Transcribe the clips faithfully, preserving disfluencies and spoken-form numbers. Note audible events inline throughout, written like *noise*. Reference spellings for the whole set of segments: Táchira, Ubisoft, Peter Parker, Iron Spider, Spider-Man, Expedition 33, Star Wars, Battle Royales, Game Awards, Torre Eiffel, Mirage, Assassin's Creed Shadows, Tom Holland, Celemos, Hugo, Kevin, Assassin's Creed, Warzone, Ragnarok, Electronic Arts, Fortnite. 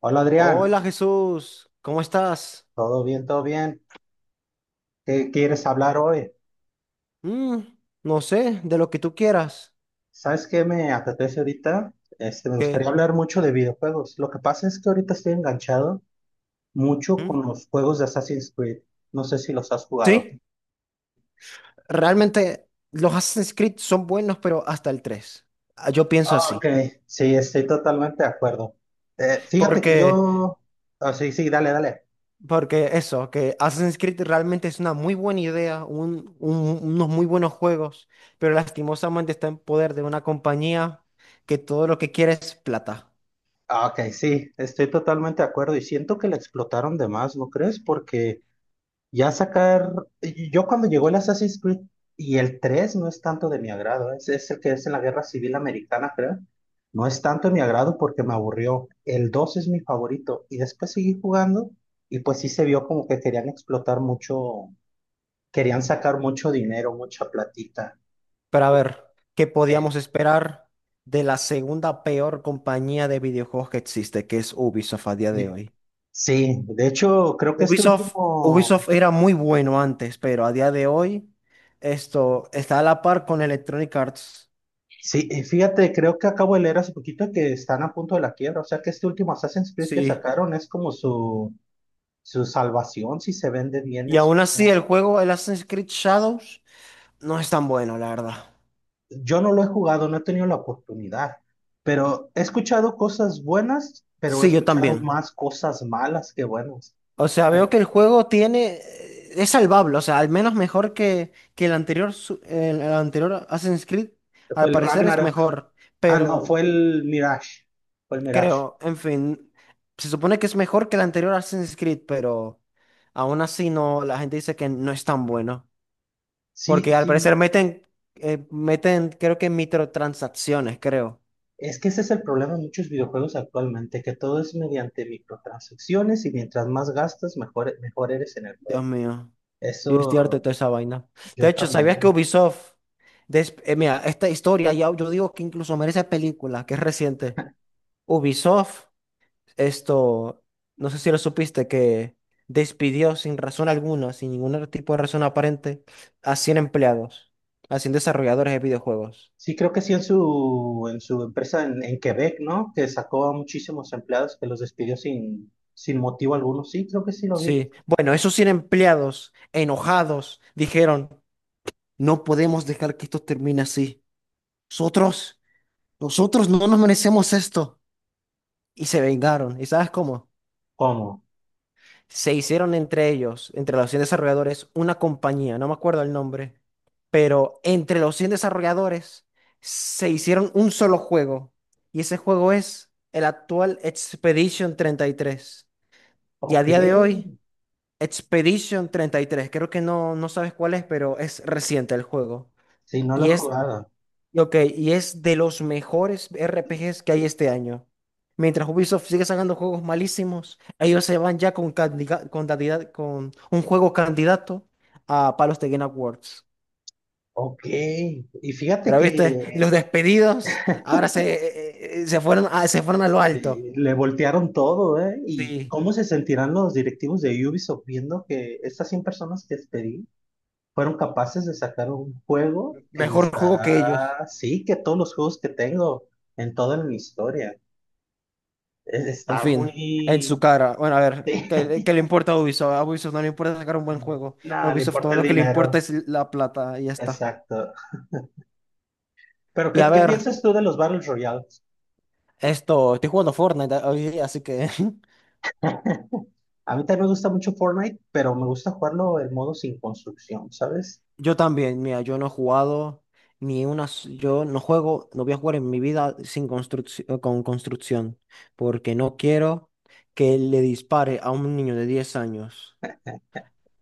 Hola Adrián, Hola Jesús, ¿cómo estás? todo bien, todo bien. ¿Qué quieres hablar hoy? Mm, no sé, de lo que tú quieras. ¿Sabes qué me apetece ahorita? Este, me gustaría ¿Qué? hablar mucho de videojuegos. Lo que pasa es que ahorita estoy enganchado mucho Mm, con los juegos de Assassin's Creed. No sé si los has jugado. sí, realmente los Assassin's Creed son buenos, pero hasta el tres. Ah, yo pienso Ah, ok, así. sí, estoy totalmente de acuerdo. Eh, fíjate que Porque, yo... ah, sí, sí, dale, dale. porque eso, que Assassin's Creed realmente es una muy buena idea, un- un- unos muy buenos juegos, pero lastimosamente está en poder de una compañía que todo lo que quiere es plata. Ah, ok, sí, estoy totalmente de acuerdo y siento que la explotaron de más, ¿no crees? Porque... Ya sacar, yo cuando llegó el Assassin's Creed y el tres no es tanto de mi agrado, es, es el que es en la Guerra Civil Americana, creo. No es tanto de mi agrado porque me aburrió. El dos es mi favorito y después seguí jugando y pues sí se vio como que querían explotar mucho, querían sacar mucho dinero, mucha platita. Pero a ver, ¿qué Eh, podíamos esperar de la segunda peor compañía de videojuegos que existe, que es Ubisoft a día de y- hoy? sí, de hecho creo que este Ubisoft, último, Ubisoft era muy bueno antes, pero a día de hoy esto está a la par con Electronic Arts. sí, eh, fíjate, creo que acabo de leer hace poquito que están a punto de la quiebra, o sea que este último Assassin's Creed que Sí. sacaron es como su su salvación si se vende bien Y es aún así como... el juego, el Assassin's Creed Shadows, no es tan bueno, la verdad. Yo no lo he jugado, no he tenido la oportunidad, pero he escuchado cosas buenas, pero he Sí, yo escuchado también. más cosas malas que buenas. O sea, veo que el juego tiene... Es salvable, o sea, al menos mejor que, que el anterior, su- el, el anterior Assassin's Creed, Fue al el parecer es Ragnarok. mejor, Ah, no, pero fue el Mirage. Fue el Mirage. creo, en fin, se supone que es mejor que el anterior Assassin's Creed, pero aún así no, la gente dice que no es tan bueno, Sí, porque al sí. parecer meten, eh, meten, creo que microtransacciones, creo. Es que ese es el problema de muchos videojuegos actualmente, que todo es mediante microtransacciones y mientras más gastas, mejor, mejor eres en el juego. Dios mío. Yo estoy harto de Eso toda esa vaina. De yo hecho, ¿sabías que también. Ubisoft, des- eh, mira, esta historia, ya, yo digo que incluso merece película, que es reciente? Ubisoft, esto, no sé si lo supiste, que despidió sin razón alguna, sin ningún tipo de razón aparente, a cien empleados, a cien desarrolladores de videojuegos. Sí, creo que sí en su, en su empresa en, en Quebec, ¿no? Que sacó a muchísimos empleados que los despidió sin, sin motivo alguno. Sí, creo que sí lo vi. Sí, bueno, esos cien empleados enojados dijeron, no podemos dejar que esto termine así. Nosotros, nosotros no nos merecemos esto. Y se vengaron. ¿Y sabes cómo? ¿Cómo? Se hicieron entre ellos, entre los cien desarrolladores, una compañía, no me acuerdo el nombre, pero entre los cien desarrolladores se hicieron un solo juego. Y ese juego es el actual Expedition treinta y tres. Y tres. Y a Ok. día de hoy, Expedition treinta y tres, creo que no, no sabes cuál es, pero es reciente el juego. Sí, no lo he Y es jugado. Y ok, y es de los mejores R P Gs que hay este año. Mientras Ubisoft sigue sacando juegos malísimos, ellos se van ya con, candida- con, candida- con un juego candidato a Palos de Game Awards. Ok. Y fíjate Pero que viste, los despedidos ahora se, eh, eh, eh, se fueron a, se fueron a lo alto. eh, le voltearon todo, ¿eh? ¿Y Sí, cómo se sentirán los directivos de Ubisoft viendo que estas cien personas que despedí fueron capaces de sacar un juego que me mejor juego que ellos. está... Sí, que todos los juegos que tengo en toda mi historia. Es- En Está muy, fin, en su sí. cara. Bueno, a ver, ¿qué, qué *laughs* le importa a Ubisoft? A Ubisoft no le importa sacar un buen juego. No, A le Ubisoft importa todo el lo que le dinero. importa es la plata y ya está. Exacto. Pero, Y ¿qué, a qué ver. piensas tú de los Battle Royales? Esto, estoy jugando Fortnite hoy día, así que *laughs* A mí también me gusta mucho Fortnite, pero me gusta jugarlo en modo sin construcción, ¿sabes? yo también, mira, yo no he jugado ni una, s- yo no juego, no voy a jugar en mi vida sin construcción, con construcción, porque no quiero que le dispare a un niño de diez años.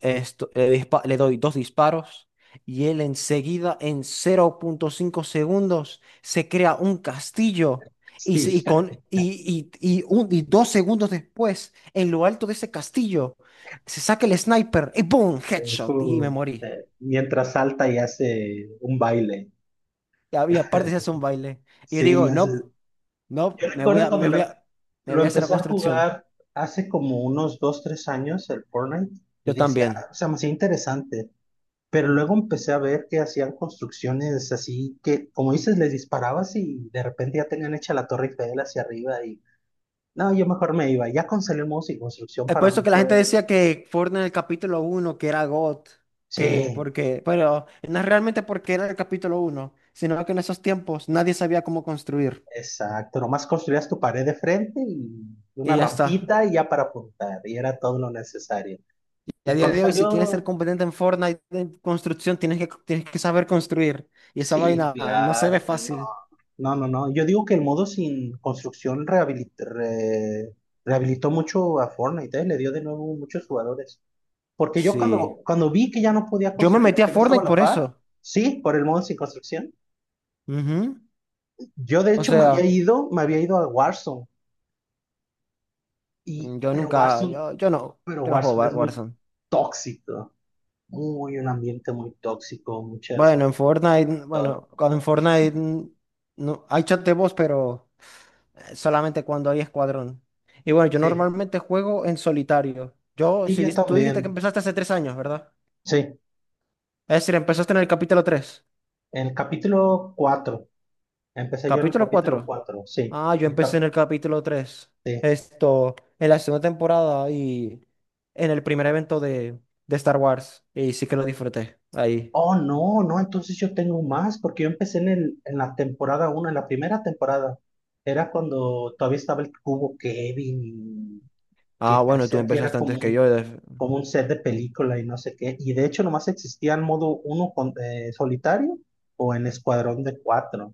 Esto, le, dispa- le doy dos disparos y él enseguida, en cero punto cinco segundos, se crea un castillo. Y, Sí. se- y con, *laughs* y, y, y un- y dos segundos después, en lo alto de ese castillo, se saca el sniper y ¡boom! Eh, Headshot. Y me Tú, morí. Eh, mientras salta y hace un baile. Y había- aparte se hace un baile. *laughs* Y yo Sí, digo, hace- no, Yo no, me voy recuerdo a, cuando me voy lo, a, me lo voy a hacer la empecé a construcción. jugar hace como unos dos, tres años, el Fortnite, y Yo decía, también. "Ah, o sea, me hacía interesante." Pero luego empecé a ver que hacían construcciones así que, como dices, les disparabas y de repente ya tenían hecha la Torre Eiffel hacia arriba y no, yo mejor me iba. Ya con Celemos y construcción Es por para mí eso que la gente fue, decía que Fortnite en el capítulo uno que era got, que sí, porque, pero no es realmente porque era el capítulo uno, sino que en esos tiempos nadie sabía cómo construir. exacto, nomás construías tu pared de frente y una Y ya está. rampita y ya para apuntar y era todo lo necesario. Y a Y día cuando de hoy, si quieres ser salió, competente en Fortnite en construcción, tienes que, tienes que saber construir. Y esa sí, vaina no se ve claro, no, fácil. no, no, no. Yo digo que el modo sin construcción rehabilit- re- rehabilitó mucho a Fortnite, ¿eh? Le dio de nuevo muchos jugadores. Porque yo Sí. cuando, cuando vi que ya no podía Yo me construir, metí a que no estaba Fortnite a la por eso. par, sí, por el modo sin construcción, Ujú. yo de O hecho me había sea, ido, me había ido a Warzone, y, mm, yo pero nunca, Warzone, yo, yo no, pero yo no juego Warzone es War- muy Warzone. tóxico, muy un ambiente muy tóxico, muchas... Bueno, en ofen- Fortnite, bueno, cuando en Fortnite mm, no, hay chat de voz, pero eh, solamente cuando hay escuadrón. Y bueno, yo Sí, normalmente juego en solitario. Yo, y si yo dis- tú dijiste que también, empezaste hace tres años, ¿verdad? sí, Es decir, empezaste en el capítulo tres, el capítulo cuatro empecé yo en el ¿capítulo capítulo cuatro? cuatro sí, Ah, yo el empecé cap- en el capítulo tres, sí. esto, en la segunda temporada y en el primer evento de, de Star Wars. Y sí que lo disfruté ahí. Oh, no, no, entonces yo tengo más, porque yo empecé en el, en la temporada uno en la primera temporada. Era cuando todavía estaba el cubo Kevin, que Ah, bueno, tú parecía que empezaste era como antes que un, yo. def- como un set de película y no sé qué. Y de hecho nomás existía el modo uno con, eh, solitario o en escuadrón de cuatro.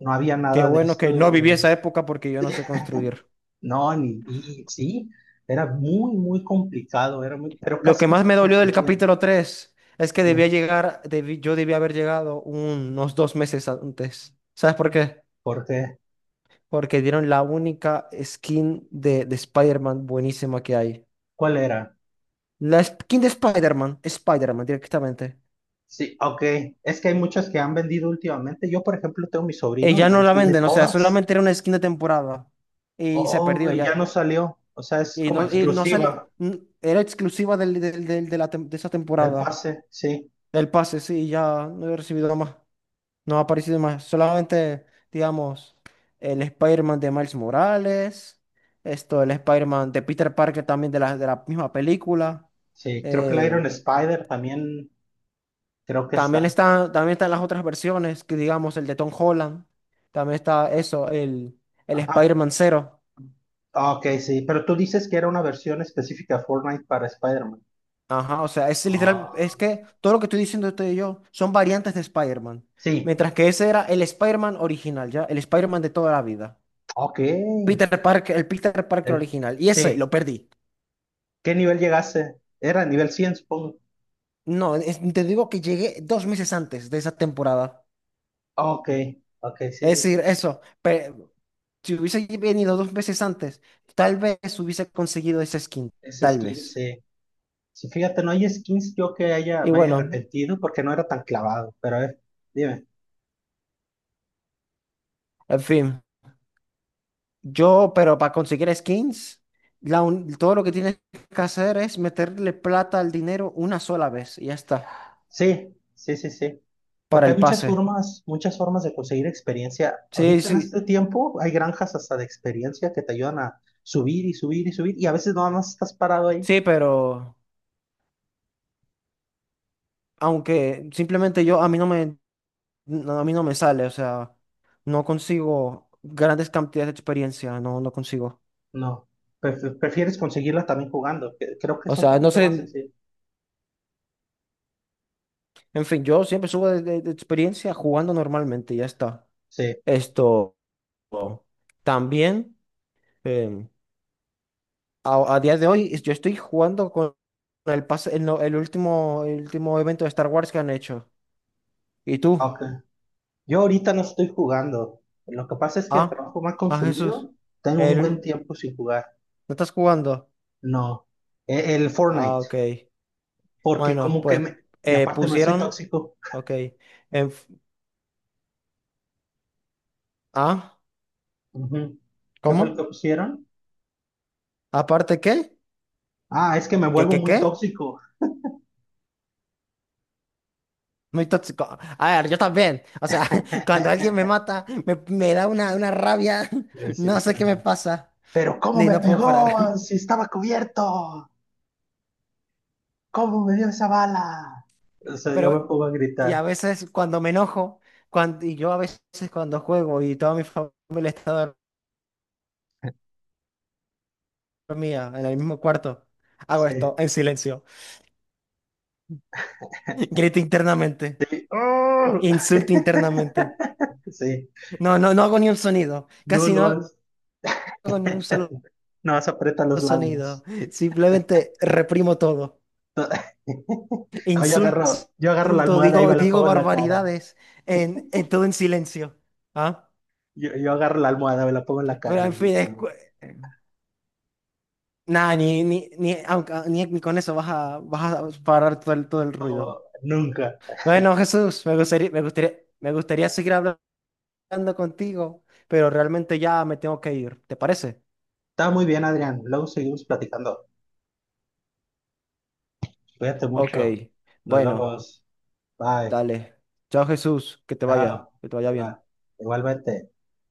No había Qué nada de bueno que no viví esto, esa época, porque yo no sé construir. no, ni, y, sí, era muy, muy complicado, era muy, pero Lo que casi no más se me dolió del construían. capítulo tres es que debía llegar, debí- yo debía haber llegado unos dos meses antes. ¿Sabes por qué? ¿Por qué? Porque dieron la única skin de, de Spider-Man buenísima que hay. ¿Cuál era? La skin de Spider-Man, Spider-Man directamente. Sí, ok. Es que hay muchas que han vendido últimamente. Yo, por ejemplo, tengo mi Y sobrino ya y no él la tiene venden, o sea, todas. solamente era una skin de temporada. Y se Oh, perdió y ya ya. no salió. O sea, es Y como no, y no salió, exclusiva era exclusiva del, del- del- de, la tem- de esa del temporada. pase. Sí, Del pase, sí, ya no he recibido más. No ha aparecido más, solamente, digamos, el Spider-Man de Miles Morales, esto, el Spider-Man de Peter Parker también de la, de la misma película. sí. Creo que la Eh, Iron Spider también creo que también está. está, también están las otras versiones, que digamos, el de Tom Holland, también está eso, el, el Ajá. Spider-Man Zero. Ah, ok, sí. Pero tú dices que era una versión específica de Fortnite para Spider-Man. Ajá, o sea, es literal, es Ah, que todo lo que estoy diciendo usted y yo son variantes de Spider-Man, sí, mientras que ese era el Spider-Man original, ¿ya? El Spider-Man de toda la vida. ok. Peter Parker, el Peter Parker El- original, y ese sí. lo perdí. ¿Qué nivel llegaste? Era nivel cien, supongo. No, es- te digo que llegué dos meses antes de esa temporada. Ok, ok, sí, Es sí, decir, sí. eso, pe- si hubiese venido dos meses antes, tal vez hubiese conseguido esa skin, Ese tal skin, vez. sí. Sí, fíjate, no hay skins yo que haya, Y me haya bueno, arrepentido porque no era tan clavado, pero a ver, dime. en fin, yo, pero para conseguir skins, la un- todo lo que tienes que hacer es meterle plata al dinero una sola vez y ya está, Sí, sí, sí, sí. para Porque hay el muchas pase. formas, muchas formas de conseguir experiencia. Sí, Ahorita en sí, este tiempo hay granjas hasta de experiencia que te ayudan a subir y subir y subir y a veces nada más estás parado ahí. sí, pero aunque simplemente yo, a mí no me no, a mí no me sale, o sea, no consigo grandes cantidades de experiencia, no, no consigo. No, pref- prefieres conseguirla también jugando. Que- Creo que O es un sea, no poquito más sé, sencillo. en fin, yo siempre subo de, de- de experiencia jugando normalmente, ya está. Sí, Esto también, em, a, a día de hoy, es- yo estoy jugando con el pase, el, no- el último, el último evento de Star Wars que han hecho. ¿Y tú? ok. Yo ahorita no estoy jugando. Lo que pasa es que el Ah, trabajo me ha ah, Jesús. consumido. Tengo un El, buen ul- tiempo sin jugar. ¿no estás jugando? No, e- el Ah, Fortnite, ok. porque Bueno, como que pues me... Y eh, aparte me soy pusieron, tóxico. ok. en- Ah, Ujú. ¿Qué fue lo que ¿cómo? pusieron? ¿Aparte qué? Ah, es que me ¿Qué, vuelvo qué, muy qué? tóxico. Muy tóxico. A ver, yo también. O sea, *laughs* cuando alguien me *laughs* mata, me, me da una, una rabia. Eh, *laughs* Sí, No sé qué me todavía. pasa. Pero ¿cómo Ni me no puedo parar. pegó *laughs* si estaba cubierto? ¿Cómo me dio esa bala? O sea, yo me Pero, pongo a y gritar. a veces cuando me enojo, cuando, y yo a veces cuando juego y toda mi familia está dormida en el mismo cuarto, hago esto Sí. en silencio. *laughs* Grito internamente. ¡Oh! Insulto internamente. *laughs* Sí, No, no, no hago ni un sonido. no Casi lo no has, hago ni un solo *laughs* no vas a apretar los sonido. labios. Simplemente reprimo todo. *laughs* No, yo Insulto, agarro, yo agarro la insulto, almohada y digo, me la digo pongo en la cara. barbaridades en, en todo en silencio. ¿Ah? Yo, yo agarro la almohada, me la pongo en la cara Pero y en fin, es grito. cu- nada, ni, ni, ni, aunque- ni- ni con eso vas a, vas a parar todo el, todo el ruido. "Oh, nunca." Bueno, Jesús, me gustaría, me gustaría, me gustaría seguir hablando contigo, pero realmente ya me tengo que ir. ¿Te parece? Está muy bien, Adrián. Luego seguimos platicando. Cuídate Ok, mucho. Nos bueno, vemos. Bye. dale. Chao, Jesús, que te Chao. vaya, que te vaya bien. Igual- Igualmente.